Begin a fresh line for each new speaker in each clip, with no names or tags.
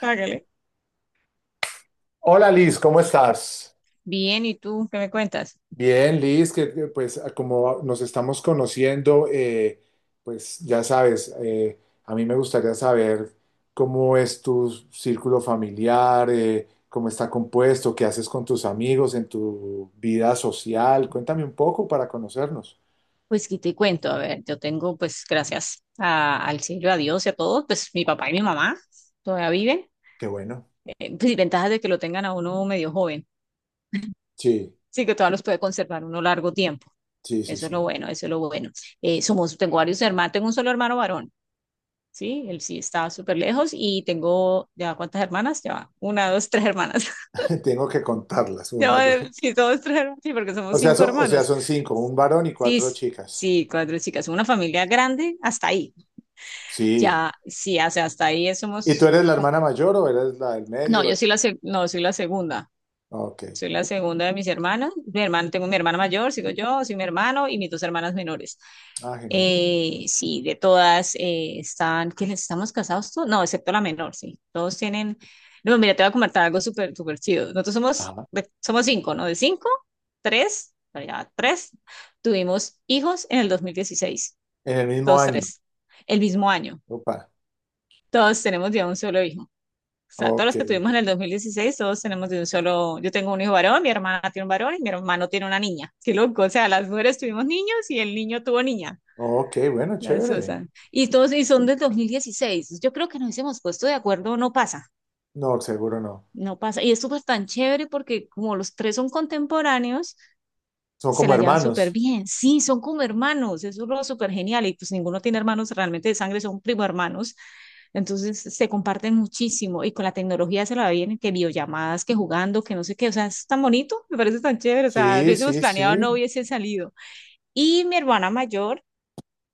Hágale.
Hola Liz, ¿cómo estás?
Bien, ¿y tú qué me cuentas?
Bien, Liz, pues como nos estamos conociendo, pues ya sabes, a mí me gustaría saber cómo es tu círculo familiar, cómo está compuesto, qué haces con tus amigos en tu vida social. Cuéntame un poco para conocernos.
Pues qué te cuento, a ver, yo tengo, pues, gracias al cielo, a Dios y a todos, pues mi papá y mi mamá todavía viven.
Qué bueno.
Pues y ventajas de que lo tengan a uno medio joven,
Sí,
sí, que todavía los puede conservar uno largo tiempo.
sí, sí,
Eso es lo
sí.
bueno, eso es lo bueno. Tengo varios hermanos, tengo un solo hermano varón. Sí, él sí está súper lejos. Y tengo, ¿ya cuántas hermanas? Ya, va, una, dos, tres hermanas.
Tengo que contarlas,
Ya,
una,
va,
dos.
sí, dos, tres hermanas, sí, porque
O
somos
sea,
cinco
o sea,
hermanos.
son cinco, un varón y
sí,
cuatro
s-
chicas.
sí, cuatro chicas, una familia grande hasta ahí.
Sí.
Ya, sí, o sea, hasta ahí
¿Y tú
somos.
eres la hermana mayor o eres la del
No,
medio?
yo soy la, no, soy la segunda.
Ok.
Soy la segunda de mis hermanas. Mi hermano, tengo mi hermana mayor, sigo yo, soy mi hermano y mis dos hermanas menores.
Ah, genial.
Sí, de todas, están, que les estamos casados todos? No, excepto la menor, sí. Todos tienen. No, mira, te voy a comentar algo súper, súper chido. Nosotros somos,
Ajá.
somos cinco, ¿no? De cinco, tres, no, ya, tres. Tuvimos hijos en el 2016,
En el mismo
todos
año.
tres, el mismo año.
Opa.
Todos tenemos ya un solo hijo. O sea, todos
Ok.
los que tuvimos en el 2016, todos tenemos de un solo. Yo tengo un hijo varón, mi hermana tiene un varón y mi hermano tiene una niña. Qué loco, o sea, las mujeres tuvimos niños y el niño tuvo niña,
Ok, bueno,
la
chévere.
Susan. Y todos, y son del 2016. Yo creo que nos hemos puesto de acuerdo, no pasa,
No, seguro no.
no pasa. Y es súper tan chévere, porque como los tres son contemporáneos,
Son
se
como
la llevan súper
hermanos.
bien. Sí, son como hermanos, eso es lo súper genial. Y pues ninguno tiene hermanos realmente de sangre, son primo hermanos. Entonces se comparten muchísimo y, con la tecnología, se la vienen que videollamadas, que jugando, que no sé qué. O sea, es tan bonito, me parece tan chévere. O sea, lo
Sí,
hubiésemos
sí,
planeado, no
sí.
hubiese salido. Y mi hermana mayor,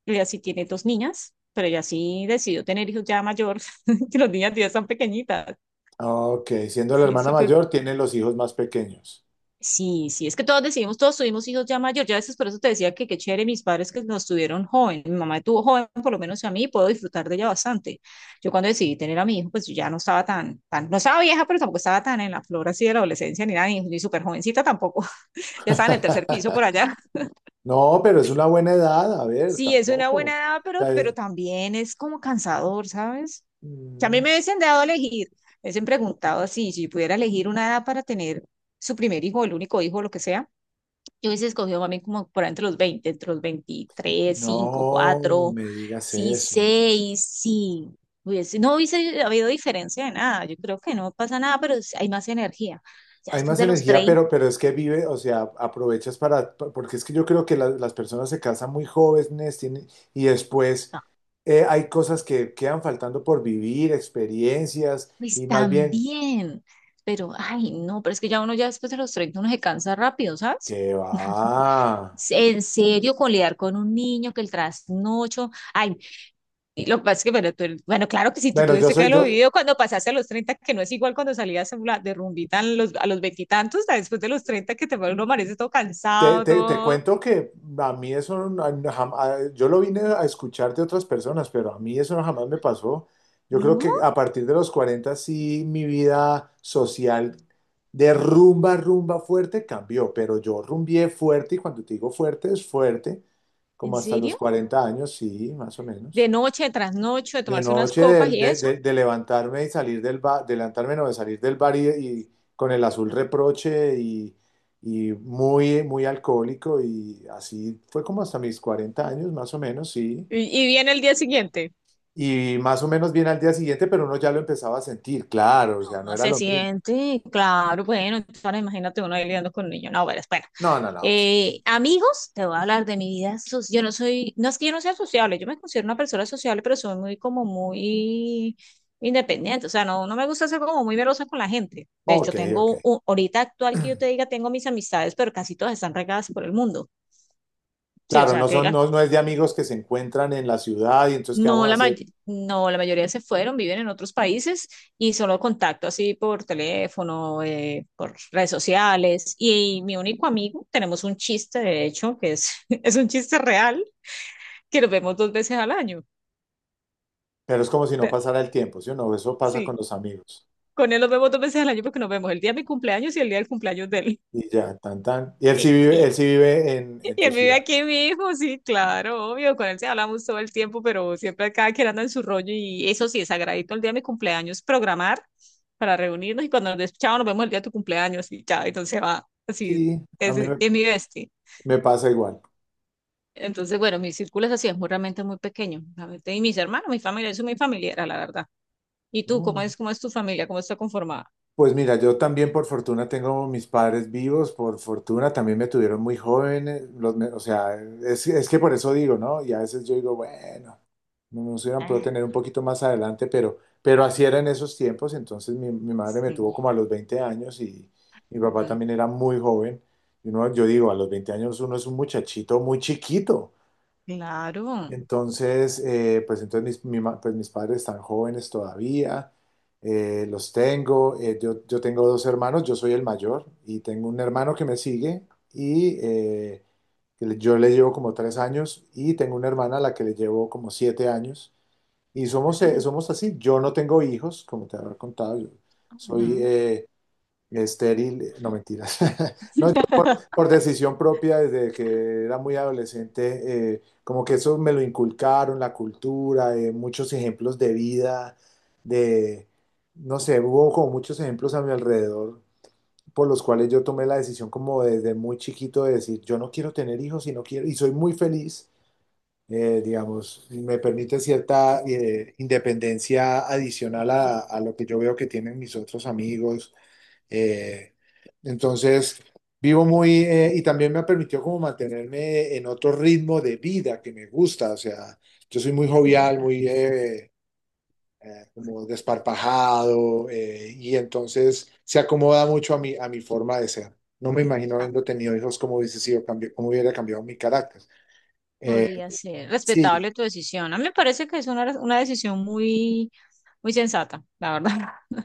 ella sí tiene dos niñas, pero ella sí decidió tener hijos ya mayor. Que las niñas ya están pequeñitas.
Ok. Siendo la
Sí,
hermana
súper.
mayor, tiene los hijos más pequeños.
Sí, sí, es que todos decidimos, todos tuvimos hijos ya mayor. Ya, a veces por eso te decía que qué chévere mis padres que nos tuvieron joven. Mi mamá tuvo joven, por lo menos a mí, puedo disfrutar de ella bastante. Yo, cuando decidí tener a mi hijo, pues yo ya no estaba tan, no estaba vieja, pero tampoco estaba tan en la flor así de la adolescencia, ni nada, ni, ni súper jovencita tampoco. Ya estaba en el tercer piso por allá.
No, pero es una buena edad. A ver,
Sí, es una
tampoco.
buena
O
edad,
sea,
pero también es como cansador, ¿sabes? Que a mí
mm,
me hubiesen dado a elegir, me hubiesen preguntado así, si yo pudiera elegir una edad para tener su primer hijo, el único hijo, lo que sea. Yo hubiese escogido, mami, como por ahí entre los veinte, entre los veintitrés, cinco,
no
cuatro,
me digas
sí,
eso.
seis, sí. Hubiese, no hubiese habido diferencia de nada. Yo creo que no pasa nada, pero sí hay más energía. Ya
Hay
después
más
de los
energía,
treinta,
pero es que vive, o sea, aprovechas para, porque es que yo creo que las personas se casan muy jóvenes tienen, y después
no,
hay cosas que quedan faltando por vivir, experiencias, y
pues
más bien,
también. Pero, ay, no, pero es que ya uno, ya después de los 30 uno se cansa rápido, ¿sabes?
que va?
En serio, con lidiar con un niño, que el trasnocho. Ay. Y lo que pasa es que, bueno, bueno, claro que si tú
Bueno, yo
tuviste que
soy,
haberlo
yo
vivido cuando pasaste a los treinta, que no es igual cuando salías a la- de rumbita a los veintitantos, a después de los 30 que te, uno amanece todo
te,
cansado,
te- te
todo.
cuento que a mí eso, yo lo vine a escuchar de otras personas, pero a mí eso no jamás me pasó. Yo creo
¿No?
que a partir de los 40 sí mi vida social de rumba, rumba fuerte cambió, pero yo rumbié fuerte y cuando te digo fuerte es fuerte,
¿En
como hasta los
serio?
40 años, sí, más o
De
menos.
noche, de trasnocho, de
De
tomarse unas
noche,
copas
de,
y
de-
eso.
de- de levantarme y salir del bar, de levantarme, no, de salir del bar y con el azul reproche y muy, muy alcohólico y así fue como hasta mis 40 años, más o menos, sí.
Y viene el día siguiente.
Y más o menos bien al día siguiente, pero uno ya lo empezaba a sentir, claro, o sea, no
Ah,
era
se
lo mismo.
siente, claro. Bueno, ahora imagínate uno ahí lidiando con niños. No, bueno, espera.
No, no, no, sí.
Amigos, te voy a hablar de mi vida. Yo no soy, no es que yo no sea sociable, yo me considero una persona sociable, pero soy muy, como muy independiente. O sea, no, no me gusta ser como muy merosa con la gente. De hecho,
Ok,
tengo,
ok.
ahorita actual, que yo te diga, tengo mis amistades, pero casi todas están regadas por el mundo. Sí, o
Claro,
sea,
no
que
son,
digas.
no, no es de amigos que se encuentran en la ciudad y entonces, ¿qué
No,
vamos a hacer?
no, la mayoría se fueron, viven en otros países, y solo contacto así por teléfono, por redes sociales. Y mi único amigo, tenemos un chiste, de hecho, que es, es un chiste real, que nos vemos dos veces al año.
Pero es como si
O
no
sea,
pasara el tiempo, ¿sí o no? Eso pasa
sí,
con los amigos.
con él nos vemos dos veces al año porque nos vemos el día de mi cumpleaños y el día del cumpleaños de
Y ya, tan, tan. Y
él.
él sí vive
Y
en tu
él vive
ciudad.
aquí mismo, sí, claro, obvio, con él se hablamos todo el tiempo, pero siempre cada quien anda en su rollo. Y eso sí, es sagradito el día de mi cumpleaños, programar para reunirnos, y cuando nos des, chao, nos vemos el día de tu cumpleaños y chao. Entonces va, así,
Sí,
ese es mi bestia.
me pasa igual.
Entonces, bueno, mi círculo es así, es muy, realmente muy pequeño, realmente. Y mis hermanos, mi familia, eso es muy familiar, la verdad. ¿Y tú,
Mm.
cómo es tu familia, cómo está conformada?
Pues mira, yo también por fortuna tengo mis padres vivos, por fortuna también me tuvieron muy jóvenes, o sea, es que por eso digo, ¿no? Y a veces yo digo, bueno, no nos hubieran podido
Ah,
tener un poquito más adelante, pero así era en esos tiempos, entonces mi madre me tuvo
sí,
como a los 20 años y mi papá
ah,
también era muy joven. Y uno, yo digo, a los 20 años uno es un muchachito muy chiquito.
claro.
Entonces, pues entonces pues mis padres están jóvenes todavía, los tengo, yo tengo dos hermanos, yo soy el mayor y tengo un hermano que me sigue y yo le llevo como tres años y tengo una hermana a la que le llevo como siete años y somos,
Ah,
somos así, yo no tengo hijos, como te habrá contado, yo soy
ujú.
estéril, no mentiras, por decisión propia, desde que era muy adolescente, como que eso me lo inculcaron, la cultura, muchos ejemplos de vida, de, no sé, hubo como muchos ejemplos a mi alrededor por los cuales yo tomé la decisión como desde muy chiquito de decir, yo no quiero tener hijos y no quiero, y soy muy feliz, digamos, y me permite cierta independencia adicional
Sí,
a lo que yo veo que tienen mis otros amigos eh, entonces, vivo muy, y también me ha permitido como mantenerme en otro ritmo de vida que me gusta, o sea, yo soy muy
sí.
jovial, muy como desparpajado, y entonces se acomoda mucho a mi forma de ser. No me imagino habiendo tenido hijos cómo hubiese sido, cómo hubiera cambiado mi carácter. Eh,
Podría ser
sí,
respetable tu decisión. A mí me parece que es una decisión muy, muy sensata, la verdad.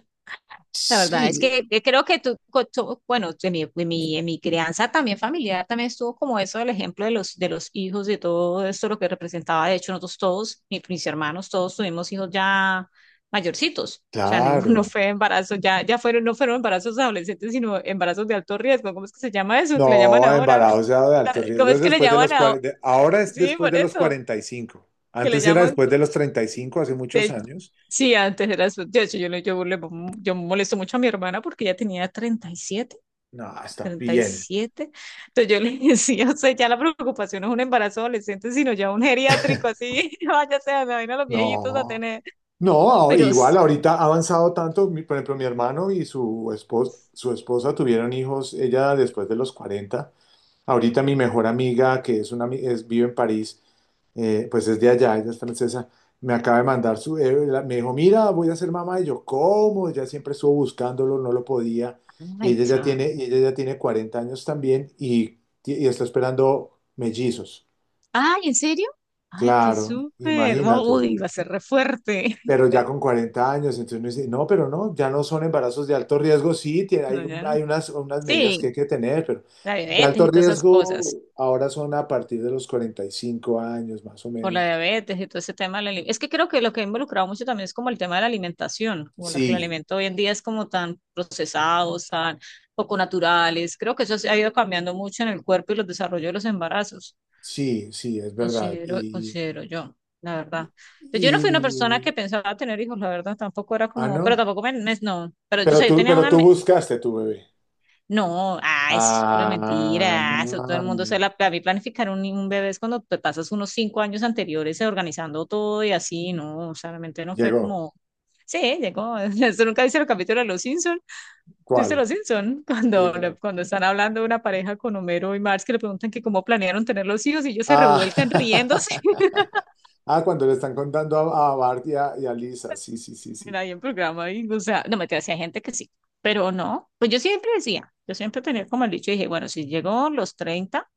La verdad es
sí,
que creo que tú, bueno, en mi crianza también familiar también estuvo como eso del ejemplo de los hijos, de todo esto, lo que representaba. De hecho, nosotros todos, mis hermanos, todos tuvimos hijos ya mayorcitos. O sea, ninguno
claro.
fue embarazo, ya, ya fueron, no fueron embarazos adolescentes, sino embarazos de alto riesgo. ¿Cómo es que se llama eso,
No,
que le llaman ahora?
embarazo de alto
¿Cómo
riesgo
es
es
que le
después de
llaman
los
ahora?
40, ahora es
Sí,
después
por
de los
eso
45.
que le
Antes era
llaman.
después de los 35, hace muchos
De-
años.
sí, antes era azul. De hecho, yo molesto mucho a mi hermana porque ella tenía treinta y siete,
No, está
treinta y
bien.
siete. Entonces yo le decía, o sea, ya la preocupación no es un embarazo adolescente, sino ya un geriátrico así. Vaya, sea, me vayan a los viejitos a
No,
tener. Pero,
igual ahorita ha avanzado tanto, por ejemplo, mi hermano y su esposa tuvieron hijos, ella después de los 40. Ahorita mi mejor amiga, que es una, vive en París, pues es de allá, ella es francesa, me acaba de mandar su, me dijo, mira, voy a ser mamá, y yo, ¿cómo? Ella siempre estuvo buscándolo, no lo podía, y
ay,
ella ya
cha.
tiene, y ella ya tiene 40 años también, y está esperando mellizos,
Ay, ¿en serio? Ay, qué
claro,
súper.
imagínate,
Uy, va a ser re fuerte.
pero ya con 40 años, entonces me dice, no, pero no, ya no son embarazos de alto riesgo, sí, hay,
No, ya no.
hay unas, unas medidas que
Sí,
hay que tener, pero
la
de
diabetes
alto
y todas esas
riesgo
cosas.
ahora son a partir de los 45 años, más o
Por la
menos.
diabetes y todo ese tema de la ali- es que creo que lo que ha involucrado mucho también es como el tema de la alimentación, como la, que el
Sí,
alimento hoy en día es como tan procesados, tan poco naturales. Creo que eso se ha ido cambiando mucho en el cuerpo y los desarrollos de los embarazos,
sí, sí, es verdad.
considero, considero yo, la verdad. Pues yo no fui una persona
Y,
que pensaba tener hijos, la verdad, tampoco era
ah,
como, pero
no.
tampoco me, no, pero yo, o sea, yo tenía
Pero
una,
tú buscaste tu bebé.
no. Ah, eso es pura
Ah,
mentira. Eso todo el mundo se la. A mí, planificar un, bebé es cuando te pasas unos cinco años anteriores organizando todo y así, no, o sea, realmente no fue
llegó.
como. Sí, llegó. Eso nunca dice el capítulo de Los Simpson. ¿Tú viste
¿Cuál?
Los Simpson?
Sí,
Cuando,
claro.
cuando están hablando de una pareja con Homero y Marx, que le preguntan que cómo planearon tener los hijos y ellos se
Ah,
revuelcan riéndose
ah, cuando le están contando a Bart y a Lisa. Sí, sí, sí,
en
sí.
ahí, en programa. Y, o sea, no me te hacía gente que sí, pero no. Pues yo siempre decía, yo siempre tenía como el dicho, dije, bueno, si llegó los treinta,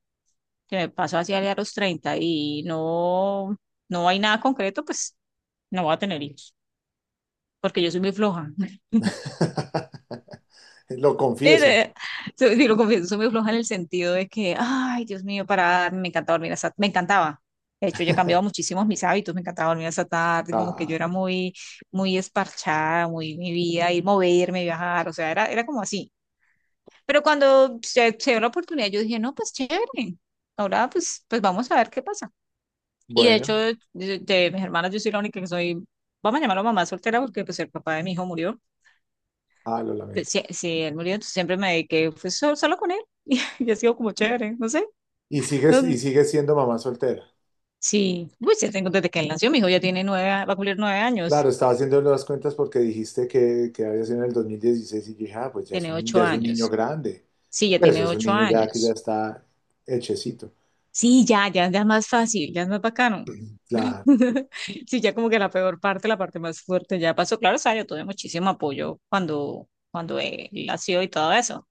que me paso hacia a los 30 y no, no hay nada concreto, pues no voy a tener hijos, porque yo soy muy floja.
Lo confieso.
Sí, lo confieso, soy muy floja en el sentido de que, ay, Dios mío, para, darme, me encantaba dormir hasta, me encantaba. De hecho, yo he cambiado muchísimos mis hábitos, me encantaba dormir hasta tarde, como que yo
Ah,
era muy, muy esparchada, muy mi vida, ir moverme, viajar, o sea, era, como así. Pero cuando se dio la oportunidad, yo dije, no, pues chévere, ahora pues, pues vamos a ver qué pasa. Y de
bueno,
hecho, de mis hermanas, yo soy la única que soy, vamos a llamarlo mamá soltera, porque pues el papá de mi hijo murió.
ah, lo
Pues,
lamento.
sí, sí, él murió, entonces siempre me dediqué pues, solo, con él. Y ha sido como chévere, no sé.
Y
No,
sigues siendo mamá soltera?
sí, pues ya tengo desde que él nació, mi hijo ya tiene nueve, va a cumplir nueve
Claro,
años,
estaba haciendo las cuentas porque dijiste que había sido en el 2016 y dije, ah, pues
tiene ocho
ya es un niño
años.
grande.
Sí, ya
Pues eso
tiene
es un
ocho
niño ya que ya
años.
está hechecito.
Sí, ya, ya, ya es más fácil, ya es más bacano.
Claro.
Sí, ya como que la peor parte, la parte más fuerte ya pasó. Claro, o sea, yo tuve muchísimo apoyo cuando, él nació, y todo eso.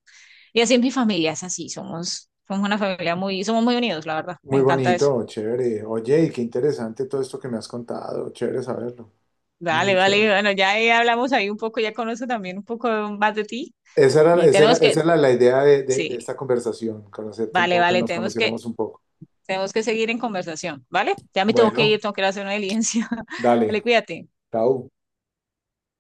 Y así es mi familia, es así, somos, somos una familia muy, somos muy unidos, la verdad, me
Muy
encanta eso.
bonito, chévere. Oye, y qué interesante todo esto que me has contado. Chévere saberlo.
Vale,
Muy
vale,
chévere.
bueno, ya ahí hablamos ahí un poco, ya conozco también un poco más de ti, y tenemos que,
Esa era la idea
sí,
de esta conversación, conocerte un
vale,
poco, que
vale,
nos conociéramos un poco.
tenemos que seguir en conversación, ¿vale? Ya me
Bueno,
tengo que ir a hacer una diligencia.
dale,
Vale, cuídate.
chao.